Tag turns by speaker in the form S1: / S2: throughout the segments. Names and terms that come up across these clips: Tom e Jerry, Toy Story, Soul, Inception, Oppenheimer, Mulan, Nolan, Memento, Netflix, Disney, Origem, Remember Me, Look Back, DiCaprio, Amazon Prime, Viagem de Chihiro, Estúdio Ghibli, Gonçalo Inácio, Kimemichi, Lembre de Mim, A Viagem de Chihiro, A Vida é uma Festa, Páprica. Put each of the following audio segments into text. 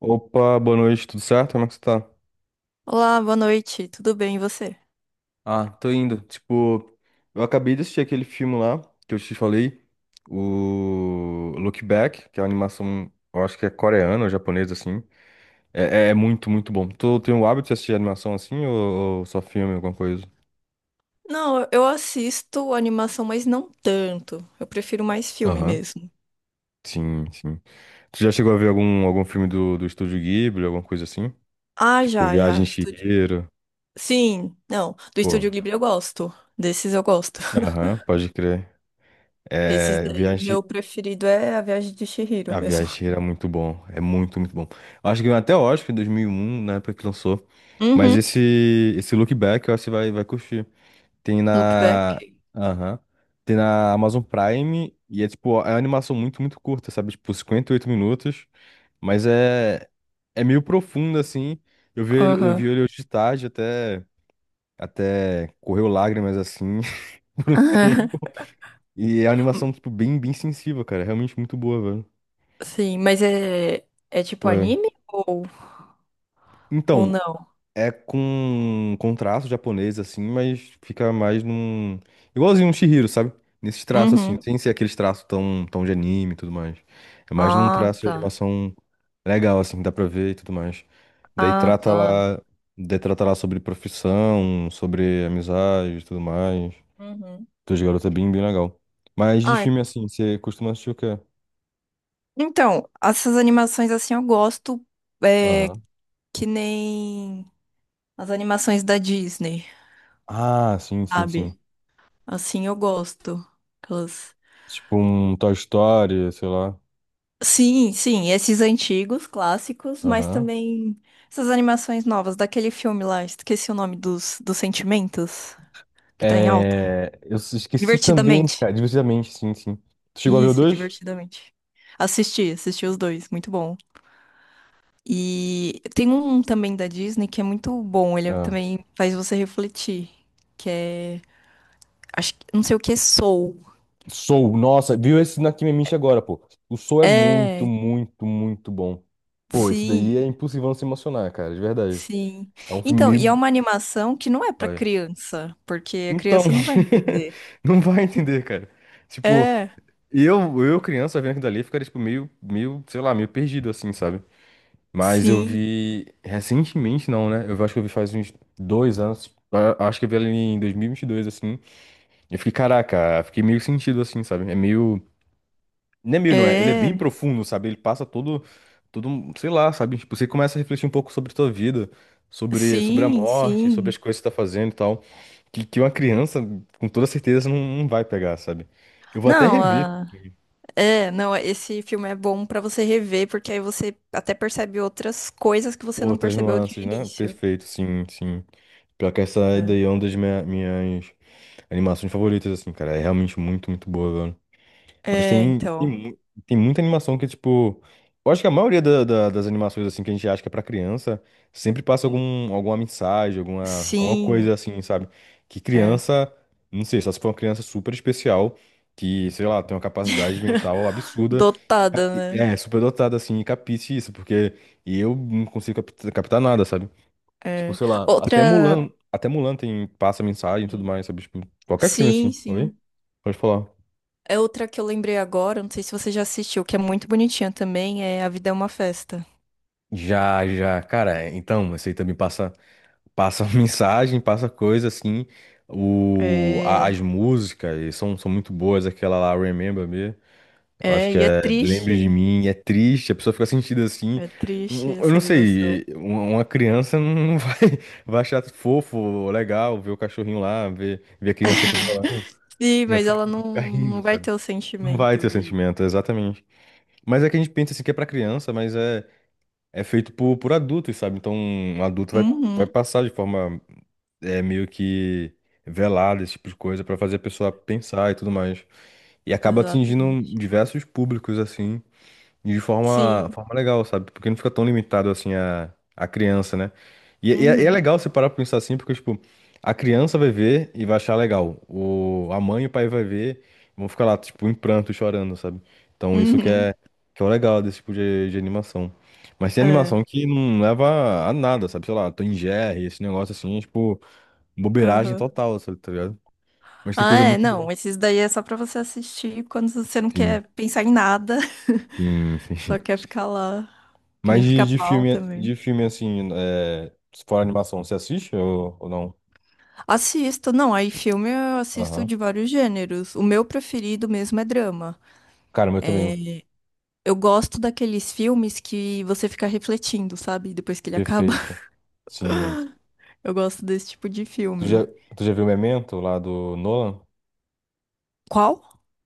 S1: Opa, boa noite, tudo certo? Como é que você tá?
S2: Olá, boa noite, tudo bem e você?
S1: Ah, tô indo. Tipo, eu acabei de assistir aquele filme lá que eu te falei, o Look Back, que é uma animação, eu acho que é coreana ou japonesa, assim. É, é muito, muito bom. Tu tem o hábito de assistir animação assim ou só filme, alguma coisa?
S2: Não, eu assisto animação, mas não tanto. Eu prefiro mais filme
S1: Aham.
S2: mesmo.
S1: Sim, sim. Tu já chegou a ver algum filme do Estúdio Ghibli, alguma coisa assim?
S2: Ah,
S1: Tipo,
S2: já, já.
S1: Viagem de
S2: Estúdio.
S1: Chihiro.
S2: Sim, não. Do
S1: Pô,
S2: Estúdio Ghibli eu gosto. Desses eu gosto.
S1: aham, pode crer.
S2: Esses
S1: É,
S2: daí,
S1: Viagem,
S2: meu preferido é A Viagem de Chihiro
S1: A
S2: mesmo.
S1: Viagem era muito bom. É muito, muito bom. Eu acho que ganhou até o Oscar em 2001, na época que lançou. Mas
S2: Uhum.
S1: esse Look Back, eu acho que você vai curtir. Tem na.
S2: Loopback.
S1: Aham. Tem na Amazon Prime. E é tipo, é uma animação muito, muito curta, sabe? Tipo, 58 minutos. Mas é. É meio profunda, assim. Eu vi, eu
S2: Aham.
S1: vi ele hoje de tarde, até. Até correu lágrimas, assim, por um tempo. E é uma animação, tipo, bem, bem sensível, cara. É realmente muito boa, velho.
S2: Sim, mas é tipo
S1: Ué.
S2: anime ou, ou
S1: Então.
S2: não?
S1: É com traço japonês, assim, mas fica mais num. Igualzinho um Chihiro, sabe? Nesses traços, assim,
S2: Uhum.
S1: sem ser aqueles traços tão, tão de anime e tudo mais. É mais num
S2: Ah,
S1: traço de
S2: tá.
S1: animação legal, assim, que dá pra ver e tudo mais. Daí
S2: Ah,
S1: trata
S2: tá.
S1: lá. Daí trata lá sobre profissão, sobre amizade e tudo mais.
S2: Uhum.
S1: Dois garotos é bem, bem legal. Mas de
S2: Ah,
S1: filme, assim, você costuma assistir o quê?
S2: então, essas animações assim eu gosto, é,
S1: Aham.
S2: que nem as animações da Disney,
S1: Ah, sim, sim, sim.
S2: sabe? Assim eu gosto. Aquelas...
S1: Tipo um Toy Story, sei lá.
S2: Sim, sim, esses antigos, clássicos, mas
S1: Aham.
S2: também essas animações novas, daquele filme lá, esqueci o nome dos sentimentos, que tá em alta.
S1: É, eu esqueci também,
S2: Divertidamente.
S1: cara, divertidamente, sim, sim. Tu chegou a ver o
S2: Isso,
S1: 2?
S2: divertidamente. Assisti, assisti os dois, muito bom. E tem um também da Disney que é muito bom, ele é
S1: Ah.
S2: também faz você refletir, que é, acho que, não sei o que é Soul.
S1: Soul, nossa, viu esse na Kimemichi agora, pô. O Soul é muito,
S2: É,
S1: muito, muito bom. Pô, esse daí é
S2: sim,
S1: impossível não se emocionar, cara, de verdade.
S2: sim.
S1: É um filme
S2: Então, e é
S1: meio.
S2: uma animação que não é pra
S1: Olha.
S2: criança, porque a
S1: Então,
S2: criança não vai entender.
S1: não vai entender, cara. Tipo,
S2: É,
S1: eu criança vendo aquilo dali, ficaria, tipo, meio, meio, sei lá, meio perdido, assim, sabe? Mas eu
S2: sim.
S1: vi recentemente, não, né? Eu acho que eu vi faz uns dois anos. Acho que eu vi ela em dois mil e vinte e dois assim. Eu fiquei, caraca, fiquei meio sentido, assim, sabe? É meio. Não é meio, não é? Ele é
S2: É,
S1: bem profundo, sabe? Ele passa todo. Todo, sei lá, sabe? Tipo, você começa a refletir um pouco sobre a tua vida, sobre, sobre a
S2: sim,
S1: morte, sobre as
S2: sim.
S1: coisas que você tá fazendo e tal. Que uma criança, com toda certeza, não, não vai pegar, sabe? Eu vou até
S2: Não,
S1: rever
S2: a- é, não, esse filme é bom pra você rever, porque aí você até percebe outras coisas que você não
S1: outras
S2: percebeu de
S1: nuances, né?
S2: início.
S1: Perfeito, sim, sim. Pior que essa
S2: É,
S1: daí é uma das minhas. Animações favoritas, assim, cara. É realmente muito, muito boa, velho. Mas
S2: é,
S1: tem
S2: então.
S1: tem muita animação que, tipo. Eu acho que a maioria das animações, assim, que a gente acha que é pra criança, sempre passa algum, alguma mensagem, alguma, alguma
S2: Sim,
S1: coisa, assim, sabe? Que
S2: é.
S1: criança. Não sei, só se for uma criança super especial, que, sei lá, tem uma capacidade mental absurda.
S2: Dotada, né?
S1: É, super dotada, assim, e capiche isso, porque eu não consigo captar nada, sabe? Tipo,
S2: É.
S1: sei lá,
S2: Outra.
S1: Até Mulan tem, passa mensagem e tudo
S2: Uhum.
S1: mais, sabe? Tipo, qualquer filme
S2: Sim,
S1: assim, oi?
S2: sim.
S1: Pode falar.
S2: É outra que eu lembrei agora, não sei se você já assistiu, que é muito bonitinha também, é A Vida é uma Festa.
S1: Já, já, cara, então, esse aí também passa, passa mensagem, passa coisa assim, o,
S2: É,
S1: as músicas são, são muito boas, aquela lá, Remember Me, eu acho
S2: é,
S1: que
S2: e é
S1: é Lembre de
S2: triste.
S1: Mim, é triste, a pessoa fica sentida assim,
S2: É
S1: Um-
S2: triste
S1: um, eu
S2: essa
S1: não
S2: animação.
S1: sei, uma criança não vai, vai achar fofo, legal, ver o cachorrinho lá, ver, ver a criancinha com o violão,
S2: Sim, mas ela
S1: vai
S2: não,
S1: ficar rindo,
S2: não vai
S1: sabe?
S2: ter o
S1: Não vai
S2: sentimento
S1: ter
S2: de.
S1: sentimento, exatamente. Mas é que a gente pensa assim que é pra criança, mas é, é feito por adultos, sabe? Então, um adulto vai,
S2: Uhum,
S1: vai passar de forma é, meio que velada, esse tipo de coisa, pra fazer a pessoa pensar e tudo mais. E acaba atingindo
S2: exatamente.
S1: diversos públicos, assim. E de forma,
S2: Sim.
S1: forma legal, sabe? Porque não fica tão limitado assim a criança, né? E é
S2: Uhum,
S1: legal você parar pra pensar assim, porque, tipo, a criança vai ver e vai achar legal. O, a mãe e o pai vai ver e vão ficar lá, tipo, em pranto, chorando, sabe? Então isso
S2: uhum.
S1: que é o legal desse tipo de animação. Mas tem
S2: É.
S1: animação que não leva a nada, sabe? Sei lá, Tom e Jerry, esse negócio assim, é, tipo, bobeiragem
S2: Aham.
S1: total, sabe? Tá ligado? Mas tem
S2: Ah,
S1: coisa
S2: é,
S1: muito boa.
S2: não, esses daí é só pra você assistir quando você não
S1: Sim,
S2: quer pensar em nada.
S1: sim, sim.
S2: Só quer ficar lá. Que
S1: Mas
S2: nem
S1: de
S2: pica-pau
S1: filme, de
S2: também.
S1: filme assim, é, se for animação, você assiste ou não?
S2: Assisto, não, aí filme eu assisto
S1: Aham.
S2: de vários gêneros. O meu preferido mesmo é drama.
S1: Cara, o meu
S2: É,
S1: também.
S2: eu gosto daqueles filmes que você fica refletindo, sabe? Depois que ele acaba.
S1: Perfeito. Sim.
S2: Eu gosto desse tipo de
S1: Tu já,
S2: filme.
S1: tu já viu Memento lá do Nolan?
S2: Qual?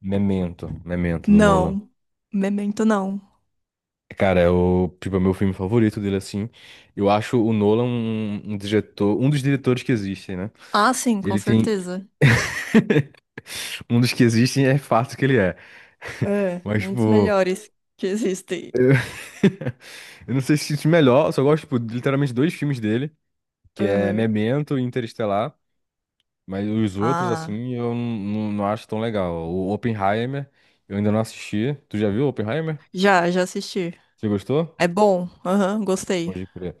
S1: Memento, Memento do Nolan.
S2: Não. Memento não.
S1: Cara, é o, tipo, é o meu filme favorito dele, assim. Eu acho o Nolan um, um diretor, um dos diretores que existem, né?
S2: Ah, sim, com
S1: Ele tem,
S2: certeza.
S1: um dos que existem é fato que ele é.
S2: É,
S1: Mas,
S2: um dos
S1: tipo,
S2: melhores que existem.
S1: eu não sei se isso é melhor, eu só gosto, tipo, de literalmente dois filmes dele, que é
S2: Aham.
S1: Memento e Interestelar. Mas os outros,
S2: Ah,
S1: assim, eu não, não acho tão legal. O Oppenheimer, eu ainda não assisti. Tu já viu o Oppenheimer?
S2: já, já assisti.
S1: Você gostou?
S2: É bom. Aham, gostei.
S1: Pode crer.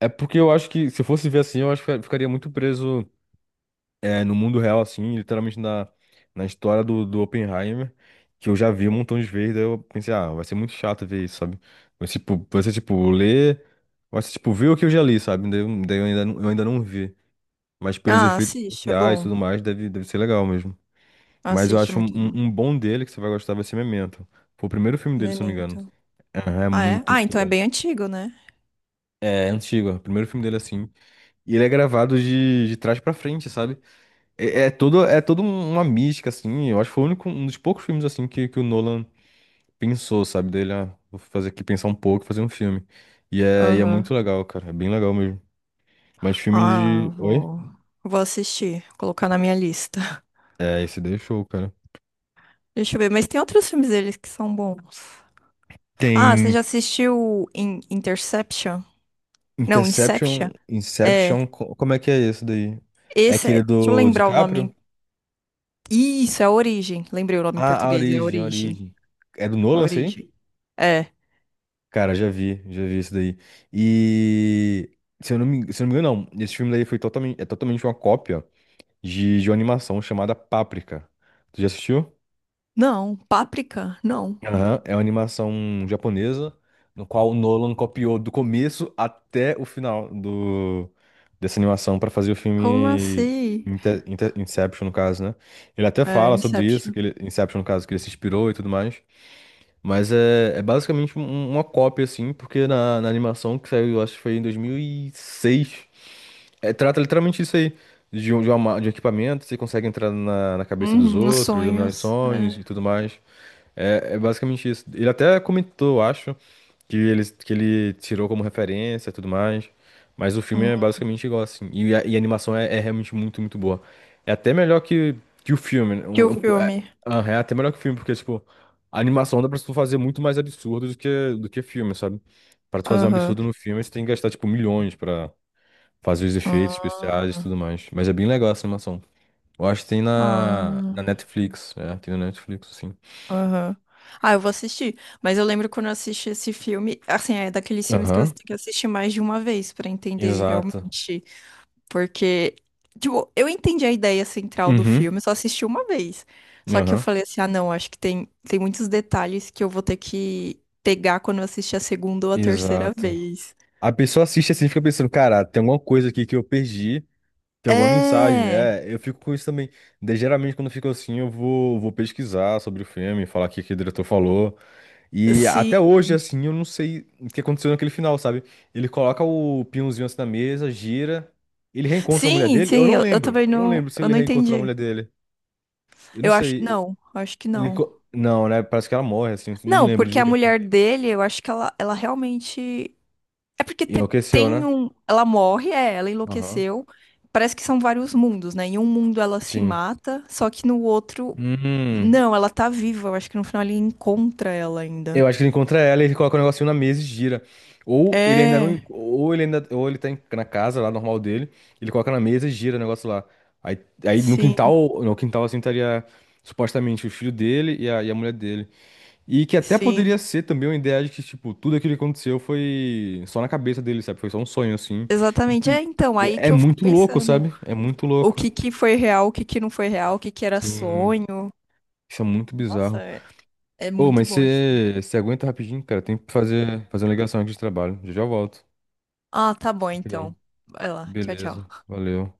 S1: É porque eu acho que, se eu fosse ver assim, eu acho que eu ficaria muito preso é, no mundo real, assim, literalmente na, na história do Oppenheimer, que eu já vi um montão de vezes, daí eu pensei, ah, vai ser muito chato ver isso, sabe? Vai ser, tipo, ler, vai ser, tipo, ver o que eu já li, sabe? Daí, eu ainda, eu ainda não vi. Mas pelos
S2: Ah,
S1: efeitos
S2: assiste, é
S1: especiais e
S2: bom.
S1: tudo mais, deve, deve ser legal mesmo. Mas eu
S2: Assiste, é
S1: acho um,
S2: muito bom.
S1: um bom dele que você vai gostar vai ser Memento. Foi o primeiro filme dele, se eu não me engano.
S2: Memento.
S1: Aham. É
S2: Ah, é?
S1: muito,
S2: Ah,
S1: muito
S2: então é
S1: bom.
S2: bem antigo, né?
S1: É, é antigo, é o primeiro filme dele assim. E ele é gravado de trás pra frente, sabe? É, é todo uma mística, assim. Eu acho que foi o único, um dos poucos filmes assim que o Nolan pensou, sabe? Dele, ah, vou fazer aqui pensar um pouco, e fazer um filme. E é muito
S2: Aham.
S1: legal, cara. É bem legal mesmo. Mas filme
S2: Ah,
S1: de. Oi?
S2: vou. Vou assistir, colocar na minha lista.
S1: É, esse daí é show, cara.
S2: Deixa eu ver, mas tem outros filmes deles que são bons. Ah, você
S1: Tem.
S2: já assistiu In Interception? Não, Inception? É.
S1: Inception, como é que é esse daí? É
S2: Esse é.
S1: aquele
S2: Deixa eu
S1: do
S2: lembrar o nome.
S1: DiCaprio?
S2: Isso, é a Origem. Lembrei o nome em
S1: Ah, a
S2: português, é
S1: Origem, a
S2: Origem.
S1: Origem. É do
S2: A
S1: Nolan, isso aí?
S2: Origem. É.
S1: Cara, já vi isso daí. E se eu não me engano, não. Esse filme daí foi totalmente, é totalmente uma cópia de uma animação chamada Páprica. Tu já assistiu?
S2: Não, Páprica? Não.
S1: Aham. É uma animação japonesa, no qual o Nolan copiou do começo até o final do, dessa animação para fazer o
S2: Como
S1: filme
S2: assim?
S1: Inception, no caso, né? Ele até
S2: É,
S1: fala sobre isso,
S2: Inception.
S1: que ele, Inception, no caso, que ele se inspirou e tudo mais. Mas é, é basicamente um, uma cópia, assim, porque na, na animação que saiu, eu acho que foi em 2006, é, trata literalmente isso aí. De um, de uma de um equipamento, você consegue entrar na, na cabeça dos
S2: Uhum, nos
S1: outros, dominar os
S2: sonhos.
S1: sonhos
S2: É.
S1: e tudo mais. É, é basicamente isso. Ele até comentou, acho, que ele tirou como referência e tudo mais. Mas o filme é
S2: Uhum.
S1: basicamente igual, assim. E a animação é, é realmente muito, muito boa. É até melhor que o filme. Né?
S2: Que o
S1: É,
S2: filme.
S1: aham, é até melhor que o filme, porque, tipo, a animação dá pra tu fazer muito mais absurdo do que filme, sabe? Pra tu fazer um
S2: Aham.
S1: absurdo no filme, você tem que gastar, tipo, milhões pra fazer os efeitos especiais e
S2: Ah,
S1: tudo mais. Mas é bem legal essa animação. Eu acho que tem na,
S2: ah,
S1: na Netflix. É, tem na Netflix, assim.
S2: aham. Ah, eu vou assistir. Mas eu lembro quando eu assisti esse filme, assim, é daqueles filmes que você
S1: Aham.
S2: tem que assistir mais de uma vez pra entender
S1: Exato.
S2: realmente. Porque, tipo, eu entendi a ideia central do
S1: Uhum.
S2: filme, eu só assisti uma vez. Só que eu
S1: Aham.
S2: falei assim, ah, não, acho que tem muitos detalhes que eu vou ter que pegar quando eu assistir a segunda ou a terceira
S1: Exato.
S2: vez.
S1: A pessoa assiste assim e fica pensando, cara, tem alguma coisa aqui que eu perdi, tem alguma mensagem,
S2: É,
S1: né? Eu fico com isso também. Daí, geralmente, quando eu fico assim, eu vou, vou pesquisar sobre o filme, falar o que, que o diretor falou. E
S2: sim,
S1: até hoje, assim, eu não sei o que aconteceu naquele final, sabe? Ele coloca o pinhãozinho assim na mesa, gira, ele reencontra a mulher
S2: sim,
S1: dele? Eu
S2: sim,
S1: não
S2: eu
S1: lembro.
S2: também
S1: Eu não
S2: não,
S1: lembro se
S2: eu
S1: ele
S2: não
S1: reencontrou a
S2: entendi.
S1: mulher dele. Eu não
S2: Eu acho que
S1: sei.
S2: não, acho que não.
S1: Não, né? Parece que ela morre, assim, não
S2: Não,
S1: lembro
S2: porque a
S1: direito.
S2: mulher dele, eu acho que ela realmente. É porque
S1: Enlouqueceu,
S2: tem
S1: né?
S2: um. Ela morre, é, ela
S1: Aham.
S2: enlouqueceu. Parece que são vários mundos, né? Em um mundo ela se
S1: Sim.
S2: mata, só que no outro.
S1: Hum.
S2: Não, ela tá viva. Eu acho que no final ele encontra ela ainda.
S1: Eu acho que ele encontra ela, ele coloca o negocinho na mesa e gira. Ou ele ainda não. en-
S2: É,
S1: Ou ele ainda. Ou ele tá na casa lá, normal dele. Ele coloca na mesa e gira o negócio lá. Aí, aí no
S2: sim,
S1: quintal, no quintal assim estaria supostamente o filho dele e a mulher dele. E que até poderia
S2: sim.
S1: ser também uma ideia de que, tipo, tudo aquilo que aconteceu foi só na cabeça dele, sabe? Foi só um sonho, assim. Não
S2: Exatamente.
S1: sei.
S2: É, então, aí
S1: É, é
S2: que eu fico
S1: muito louco,
S2: pensando.
S1: sabe? É muito
S2: O
S1: louco.
S2: que que foi real, o que que não foi real, o que que era
S1: Sim.
S2: sonho.
S1: Isso é muito
S2: Nossa,
S1: bizarro.
S2: é, é
S1: Ô,
S2: muito
S1: mas
S2: bom isso.
S1: você aguenta rapidinho, cara. Tem que fazer, fazer uma ligação aqui de trabalho. Já já eu volto.
S2: Ah, tá bom,
S1: Rapidão.
S2: então. Vai lá. Tchau,
S1: Beleza.
S2: tchau.
S1: Valeu.